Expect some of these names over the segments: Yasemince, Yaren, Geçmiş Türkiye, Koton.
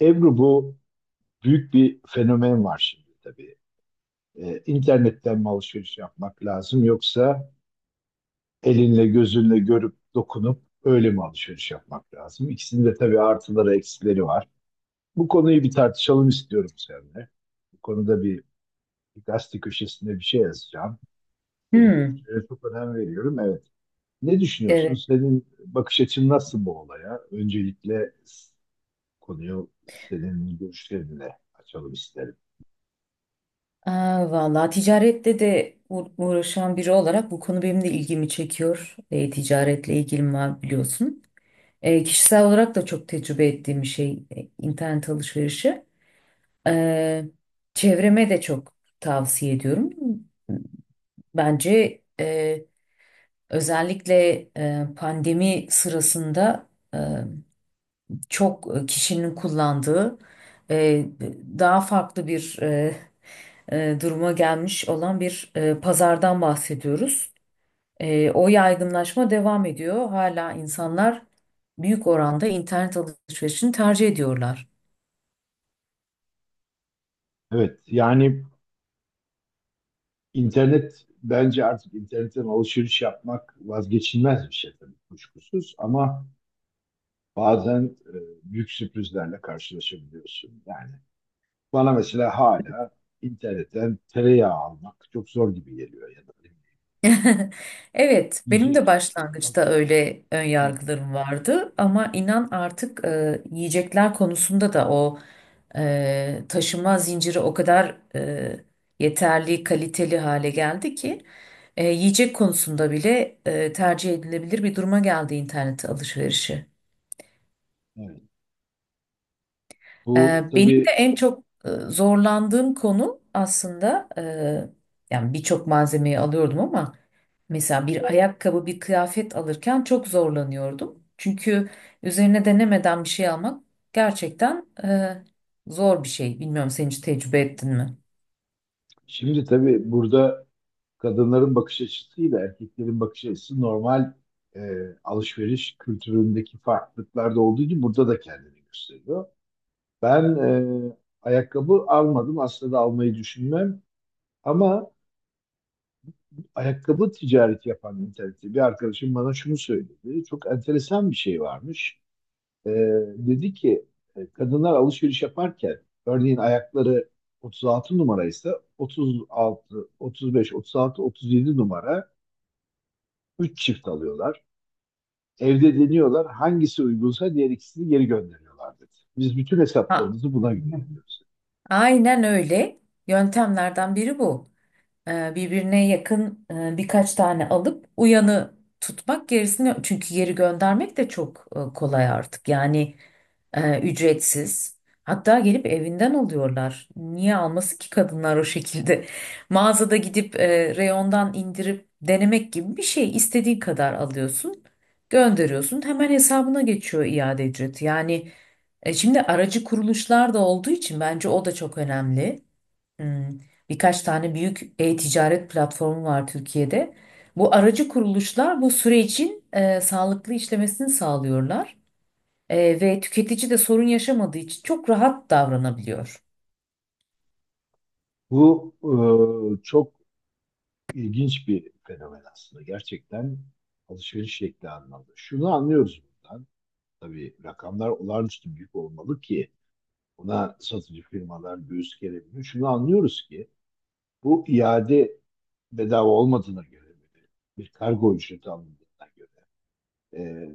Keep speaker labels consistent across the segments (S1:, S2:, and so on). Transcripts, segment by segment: S1: Ebru bu büyük bir fenomen var şimdi tabii. İnternetten mi alışveriş yapmak lazım yoksa elinle gözünle görüp dokunup öyle mi alışveriş yapmak lazım? İkisinin de tabii artıları eksileri var. Bu konuyu bir tartışalım istiyorum seninle. Bu konuda bir gazete köşesinde bir şey yazacağım. Senin
S2: Hmm,
S1: görüşlerine çok önem veriyorum. Evet. Ne düşünüyorsun?
S2: evet.
S1: Senin bakış açın nasıl bu olaya? Öncelikle konuyu senin görüşlerinle açalım isterim.
S2: Aa, vallahi ticarette de uğraşan biri olarak bu konu benim de ilgimi çekiyor. Ticaretle ilgim var biliyorsun. Kişisel olarak da çok tecrübe ettiğim bir şey internet alışverişi. E, Çevreme de çok tavsiye ediyorum. Bence özellikle pandemi sırasında e, çok kişinin kullandığı e, daha farklı bir duruma gelmiş olan bir pazardan bahsediyoruz. O yaygınlaşma devam ediyor. Hala insanlar büyük oranda internet alışverişini tercih ediyorlar.
S1: Evet, yani İnternet bence artık internetten alışveriş yapmak vazgeçilmez bir şey tabii kuşkusuz ama bazen büyük sürprizlerle karşılaşabiliyorsun. Yani bana mesela hala internetten tereyağı almak çok zor gibi geliyor ya da ne bileyim,
S2: Evet, benim de
S1: yiyecek almak.
S2: başlangıçta öyle ön
S1: Evet,
S2: yargılarım vardı ama inan artık yiyecekler konusunda da o taşıma zinciri o kadar yeterli, kaliteli hale geldi ki yiyecek konusunda bile tercih edilebilir bir duruma geldi internet alışverişi.
S1: evet. Bu
S2: Benim de
S1: tabii
S2: en çok zorlandığım konu aslında yani birçok malzemeyi alıyordum ama mesela bir ayakkabı, bir kıyafet alırken çok zorlanıyordum. Çünkü üzerine denemeden bir şey almak gerçekten zor bir şey. Bilmiyorum sen hiç tecrübe ettin mi?
S1: şimdi tabii burada kadınların bakış açısıyla erkeklerin bakış açısı normal e, alışveriş kültüründeki farklılıklarda olduğu gibi burada da kendini gösteriyor. Ben e, ayakkabı almadım. Aslında da almayı düşünmem. Ama ayakkabı ticareti yapan internette bir arkadaşım bana şunu söyledi. Çok enteresan bir şey varmış. E, Dedi ki kadınlar alışveriş yaparken örneğin ayakları 36 numaraysa 36, 35, 36, 37 numara 3 çift alıyorlar. Evde deniyorlar. Hangisi uygunsa diğer ikisini geri gönderiyorlar dedi. Biz bütün
S2: Ha.
S1: hesaplarımızı buna göre yapıyoruz.
S2: Aynen öyle. Yöntemlerden biri bu. Birbirine yakın birkaç tane alıp uyanı tutmak gerisini çünkü geri göndermek de çok kolay artık. Yani ücretsiz. Hatta gelip evinden alıyorlar. Niye alması ki kadınlar o şekilde? Mağazada gidip reyondan indirip denemek gibi bir şey. İstediğin kadar alıyorsun, gönderiyorsun. Hemen hesabına geçiyor iade ücreti. Yani şimdi aracı kuruluşlar da olduğu için bence o da çok önemli. Hmm, Birkaç tane büyük e-ticaret platformu var Türkiye'de. Bu aracı kuruluşlar bu sürecin sağlıklı işlemesini sağlıyorlar. Ve tüketici de sorun yaşamadığı için çok rahat davranabiliyor.
S1: Bu çok ilginç bir fenomen aslında. Gerçekten alışveriş şekli anlamda. Şunu anlıyoruz buradan. Tabii rakamlar olağanüstü büyük olmalı ki buna satıcı firmalar göğüs gerebiliyor. Şunu anlıyoruz ki bu iade bedava olmadığına göre bir kargo ücreti alındığına göre e,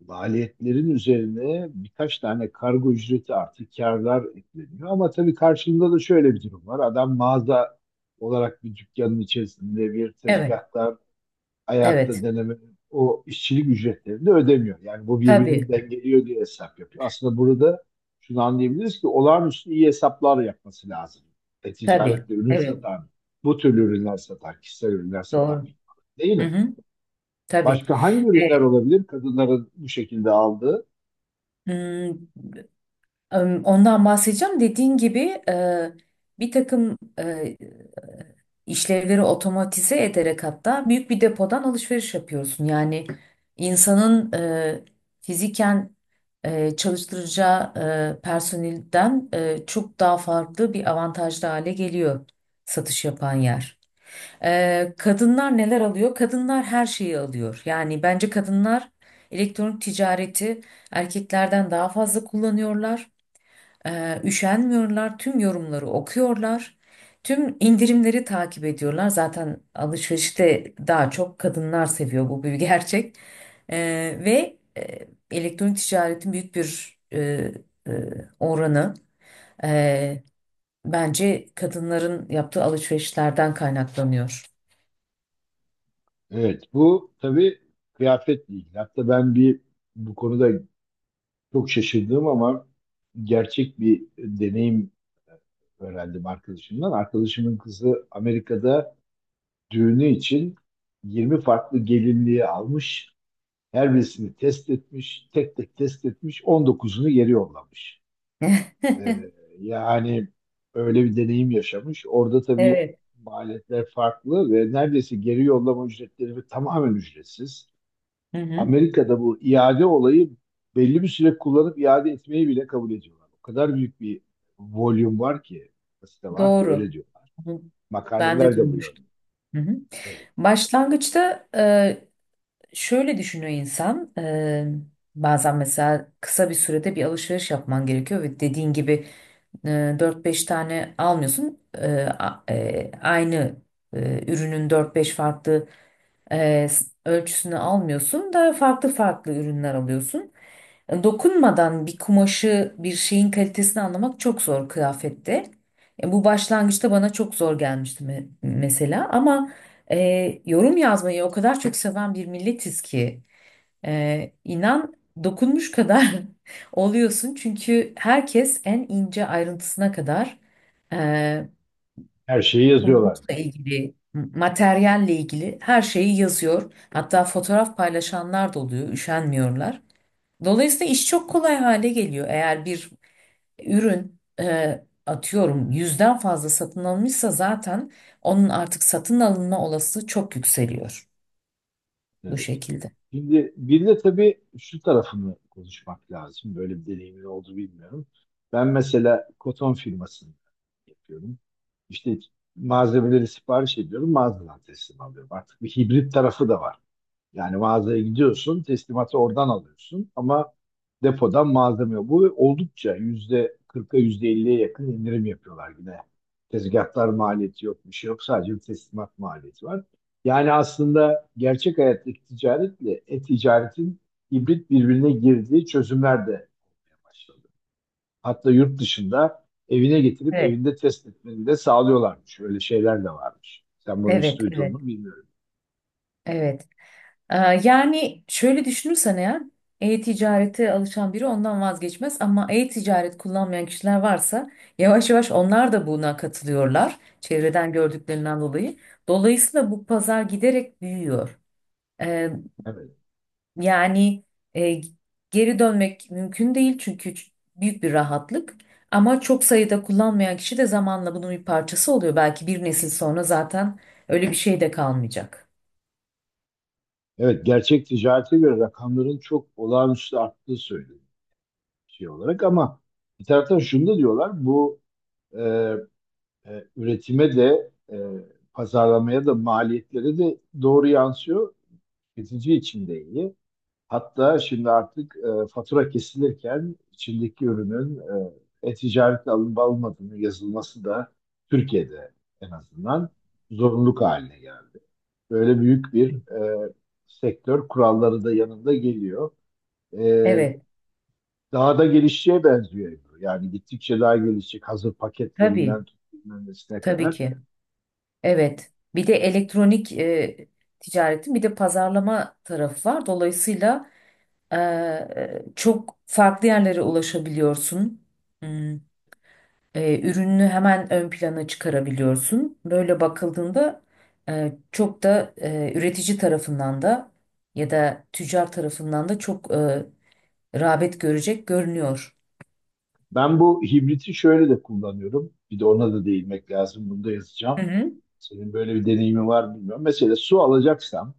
S1: maliyetlerin üzerine birkaç tane kargo ücreti artı karlar ekleniyor. Ama tabii karşılığında da şöyle bir durum var. Adam mağaza olarak bir dükkanın içerisinde bir
S2: Evet,
S1: tezgahtar ayakta
S2: evet.
S1: deneme o işçilik ücretlerini de ödemiyor. Yani bu birbirini
S2: Tabii,
S1: dengeliyor diye hesap yapıyor. Aslında burada şunu anlayabiliriz ki olağanüstü iyi hesaplar yapması lazım.
S2: tabii.
S1: Ticaretle ürün
S2: Evet,
S1: satan, bu türlü ürünler satan, kişisel ürünler satan,
S2: doğru.
S1: değil
S2: Hı
S1: mi?
S2: hı, tabii.
S1: Başka hangi ürünler
S2: Evet.
S1: olabilir kadınların bu şekilde aldığı?
S2: Hmm, Ondan bahsedeceğim. Dediğin gibi bir takım işlevleri otomatize ederek hatta büyük bir depodan alışveriş yapıyorsun. Yani insanın fiziken çalıştıracağı personelden çok daha farklı bir avantajlı hale geliyor satış yapan yer. Kadınlar neler alıyor? Kadınlar her şeyi alıyor. Yani bence kadınlar elektronik ticareti erkeklerden daha fazla kullanıyorlar. Üşenmiyorlar, tüm yorumları okuyorlar, tüm indirimleri takip ediyorlar. Zaten alışverişte daha çok kadınlar seviyor bu bir gerçek. Ee, Ve elektronik ticaretin büyük bir e, oranı e, bence kadınların yaptığı alışverişlerden kaynaklanıyor.
S1: Evet, bu tabii kıyafetle ilgili. Hatta ben bir bu konuda çok şaşırdım ama gerçek bir deneyim öğrendim arkadaşımdan. Arkadaşımın kızı Amerika'da düğünü için 20 farklı gelinliği almış. Her birisini test etmiş, tek tek test etmiş, 19'unu geri yollamış. Ee, Yani öyle bir deneyim yaşamış. Orada tabii
S2: Evet.
S1: maliyetler farklı ve neredeyse geri yollama ücretleri tamamen ücretsiz.
S2: Hı hı.
S1: Amerika'da bu iade olayı belli bir süre kullanıp iade etmeyi bile kabul ediyorlar. O kadar büyük bir volüm var ki, site var ki öyle
S2: Doğru.
S1: diyorlar.
S2: Hı. Ben de
S1: Makaleler de bu yönde.
S2: duymuştum. Hı hı.
S1: Evet.
S2: Başlangıçta şöyle düşünüyor insan, bazen mesela kısa bir sürede bir alışveriş yapman gerekiyor ve dediğin gibi 4-5 tane almıyorsun. Aynı ürünün dört beş farklı ölçüsünü almıyorsun da farklı farklı ürünler alıyorsun. Dokunmadan bir kumaşı, bir şeyin kalitesini anlamak çok zor kıyafette. Bu başlangıçta bana çok zor gelmişti mesela ama yorum yazmayı o kadar çok seven bir milletiz ki inan dokunmuş kadar oluyorsun çünkü herkes en ince ayrıntısına kadar e,
S1: Her şeyi yazıyorlar.
S2: kumaşla ilgili, materyalle ilgili her şeyi yazıyor. Hatta fotoğraf paylaşanlar da oluyor, üşenmiyorlar. Dolayısıyla iş çok kolay hale geliyor. Eğer bir ürün atıyorum yüzden fazla satın alınmışsa zaten onun artık satın alınma olasılığı çok yükseliyor bu
S1: Evet.
S2: şekilde.
S1: Şimdi bir de tabii şu tarafını konuşmak lazım. Böyle bir deneyimin oldu bilmiyorum. Ben mesela koton firmasını yapıyorum. İşte malzemeleri sipariş ediyorum, mağazadan teslim alıyorum. Artık bir hibrit tarafı da var. Yani mağazaya gidiyorsun, teslimatı oradan alıyorsun ama depodan malzeme yok. Bu oldukça yüzde 40'a yüzde 50'ye yakın indirim yapıyorlar yine. Tezgahlar maliyeti yok, bir şey yok. Sadece bir teslimat maliyeti var. Yani aslında gerçek hayattaki ticaretle e-ticaretin hibrit birbirine girdiği çözümler de başladı. Hatta yurt dışında evine getirip
S2: Evet,
S1: evinde test etmeni de sağlıyorlarmış. Öyle şeyler de varmış. Sen bunu hiç
S2: evet,
S1: duydun
S2: evet,
S1: mu bilmiyorum.
S2: evet. Ee, Yani şöyle düşünürsen eğer e-ticarete alışan biri ondan vazgeçmez ama e-ticaret kullanmayan kişiler varsa yavaş yavaş onlar da buna katılıyorlar çevreden gördüklerinden dolayı. Dolayısıyla bu pazar giderek büyüyor. Ee,
S1: Evet.
S2: Yani e, geri dönmek mümkün değil çünkü büyük bir rahatlık ama çok sayıda kullanmayan kişi de zamanla bunun bir parçası oluyor. Belki bir nesil sonra zaten öyle bir şey de kalmayacak.
S1: Evet, gerçek ticarete göre rakamların çok olağanüstü arttığı söyleniyor şey olarak ama bir taraftan şunu da diyorlar, bu e, üretime de pazarlamaya da maliyetlere de doğru yansıyor. Tüketici için de iyi. Hatta şimdi artık fatura kesilirken içindeki ürünün e-ticaretle alınıp alınmadığının yazılması da Türkiye'de en azından zorunluluk haline geldi. Böyle büyük bir e, sektör kuralları da yanında geliyor. E,
S2: Evet,
S1: Daha da gelişeceğe benziyor Ebru. Yani gittikçe daha gelişecek hazır
S2: tabii,
S1: paketlerinden tut bilmem nesine
S2: tabii
S1: kadar.
S2: ki. Evet. Bir de elektronik ticaretin bir de pazarlama tarafı var. Dolayısıyla çok farklı yerlere ulaşabiliyorsun. Hmm. Ürününü hemen ön plana çıkarabiliyorsun. Böyle bakıldığında çok da üretici tarafından da ya da tüccar tarafından da çok rağbet görecek görünüyor.
S1: Ben bu hibriti şöyle de kullanıyorum. Bir de ona da değinmek lazım. Bunu da
S2: Hı
S1: yazacağım.
S2: hı.
S1: Senin böyle bir deneyimi var mı bilmiyorum. Mesela su alacaksam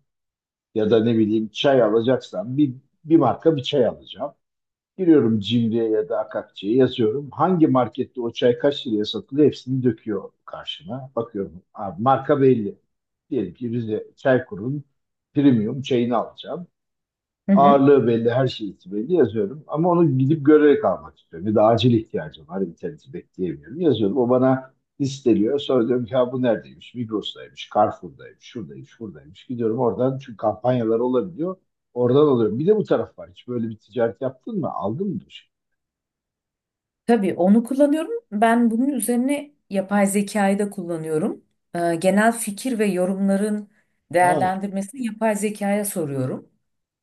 S1: ya da ne bileyim çay alacaksam bir marka bir çay alacağım. Giriyorum Cimri'ye ya da Akakçe'ye yazıyorum. Hangi markette o çay kaç liraya satılıyor hepsini döküyor karşıma. Bakıyorum abi marka belli. Diyelim ki Rize Çaykur'un premium çayını alacağım.
S2: Hı hı.
S1: Ağırlığı belli, her şeysi belli yazıyorum. Ama onu gidip görerek almak istiyorum. Ya da acil ihtiyacım var, interneti bekleyemiyorum. Yazıyorum, o bana listeliyor. Sonra diyorum ki ha bu neredeymiş? Migros'taymış, Carrefour'daymış, şuradaymış, buradaymış. Gidiyorum oradan çünkü kampanyalar olabiliyor. Oradan alıyorum. Bir de bu taraf var. Hiç böyle bir ticaret yaptın mı? Aldın mı bir şey?
S2: Tabii onu kullanıyorum. Ben bunun üzerine yapay zekayı da kullanıyorum. Genel fikir ve yorumların
S1: Ha,
S2: değerlendirmesini yapay zekaya soruyorum.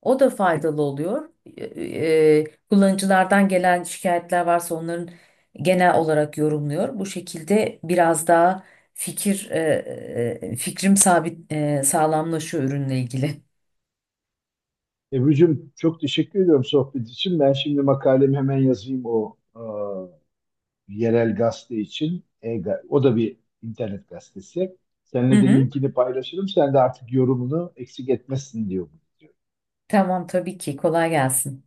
S2: O da faydalı oluyor. Ee, Kullanıcılardan gelen şikayetler varsa onların genel olarak yorumluyor. Bu şekilde biraz daha fikrim sabit sağlamlaşıyor ürünle ilgili.
S1: Ebru'cum çok teşekkür ediyorum sohbet için. Ben şimdi makalemi hemen yazayım o yerel gazete için. O da bir internet gazetesi.
S2: Hı
S1: Seninle de
S2: hı.
S1: linkini paylaşırım. Sen de artık yorumunu eksik etmezsin diyor.
S2: Tamam tabii ki kolay gelsin.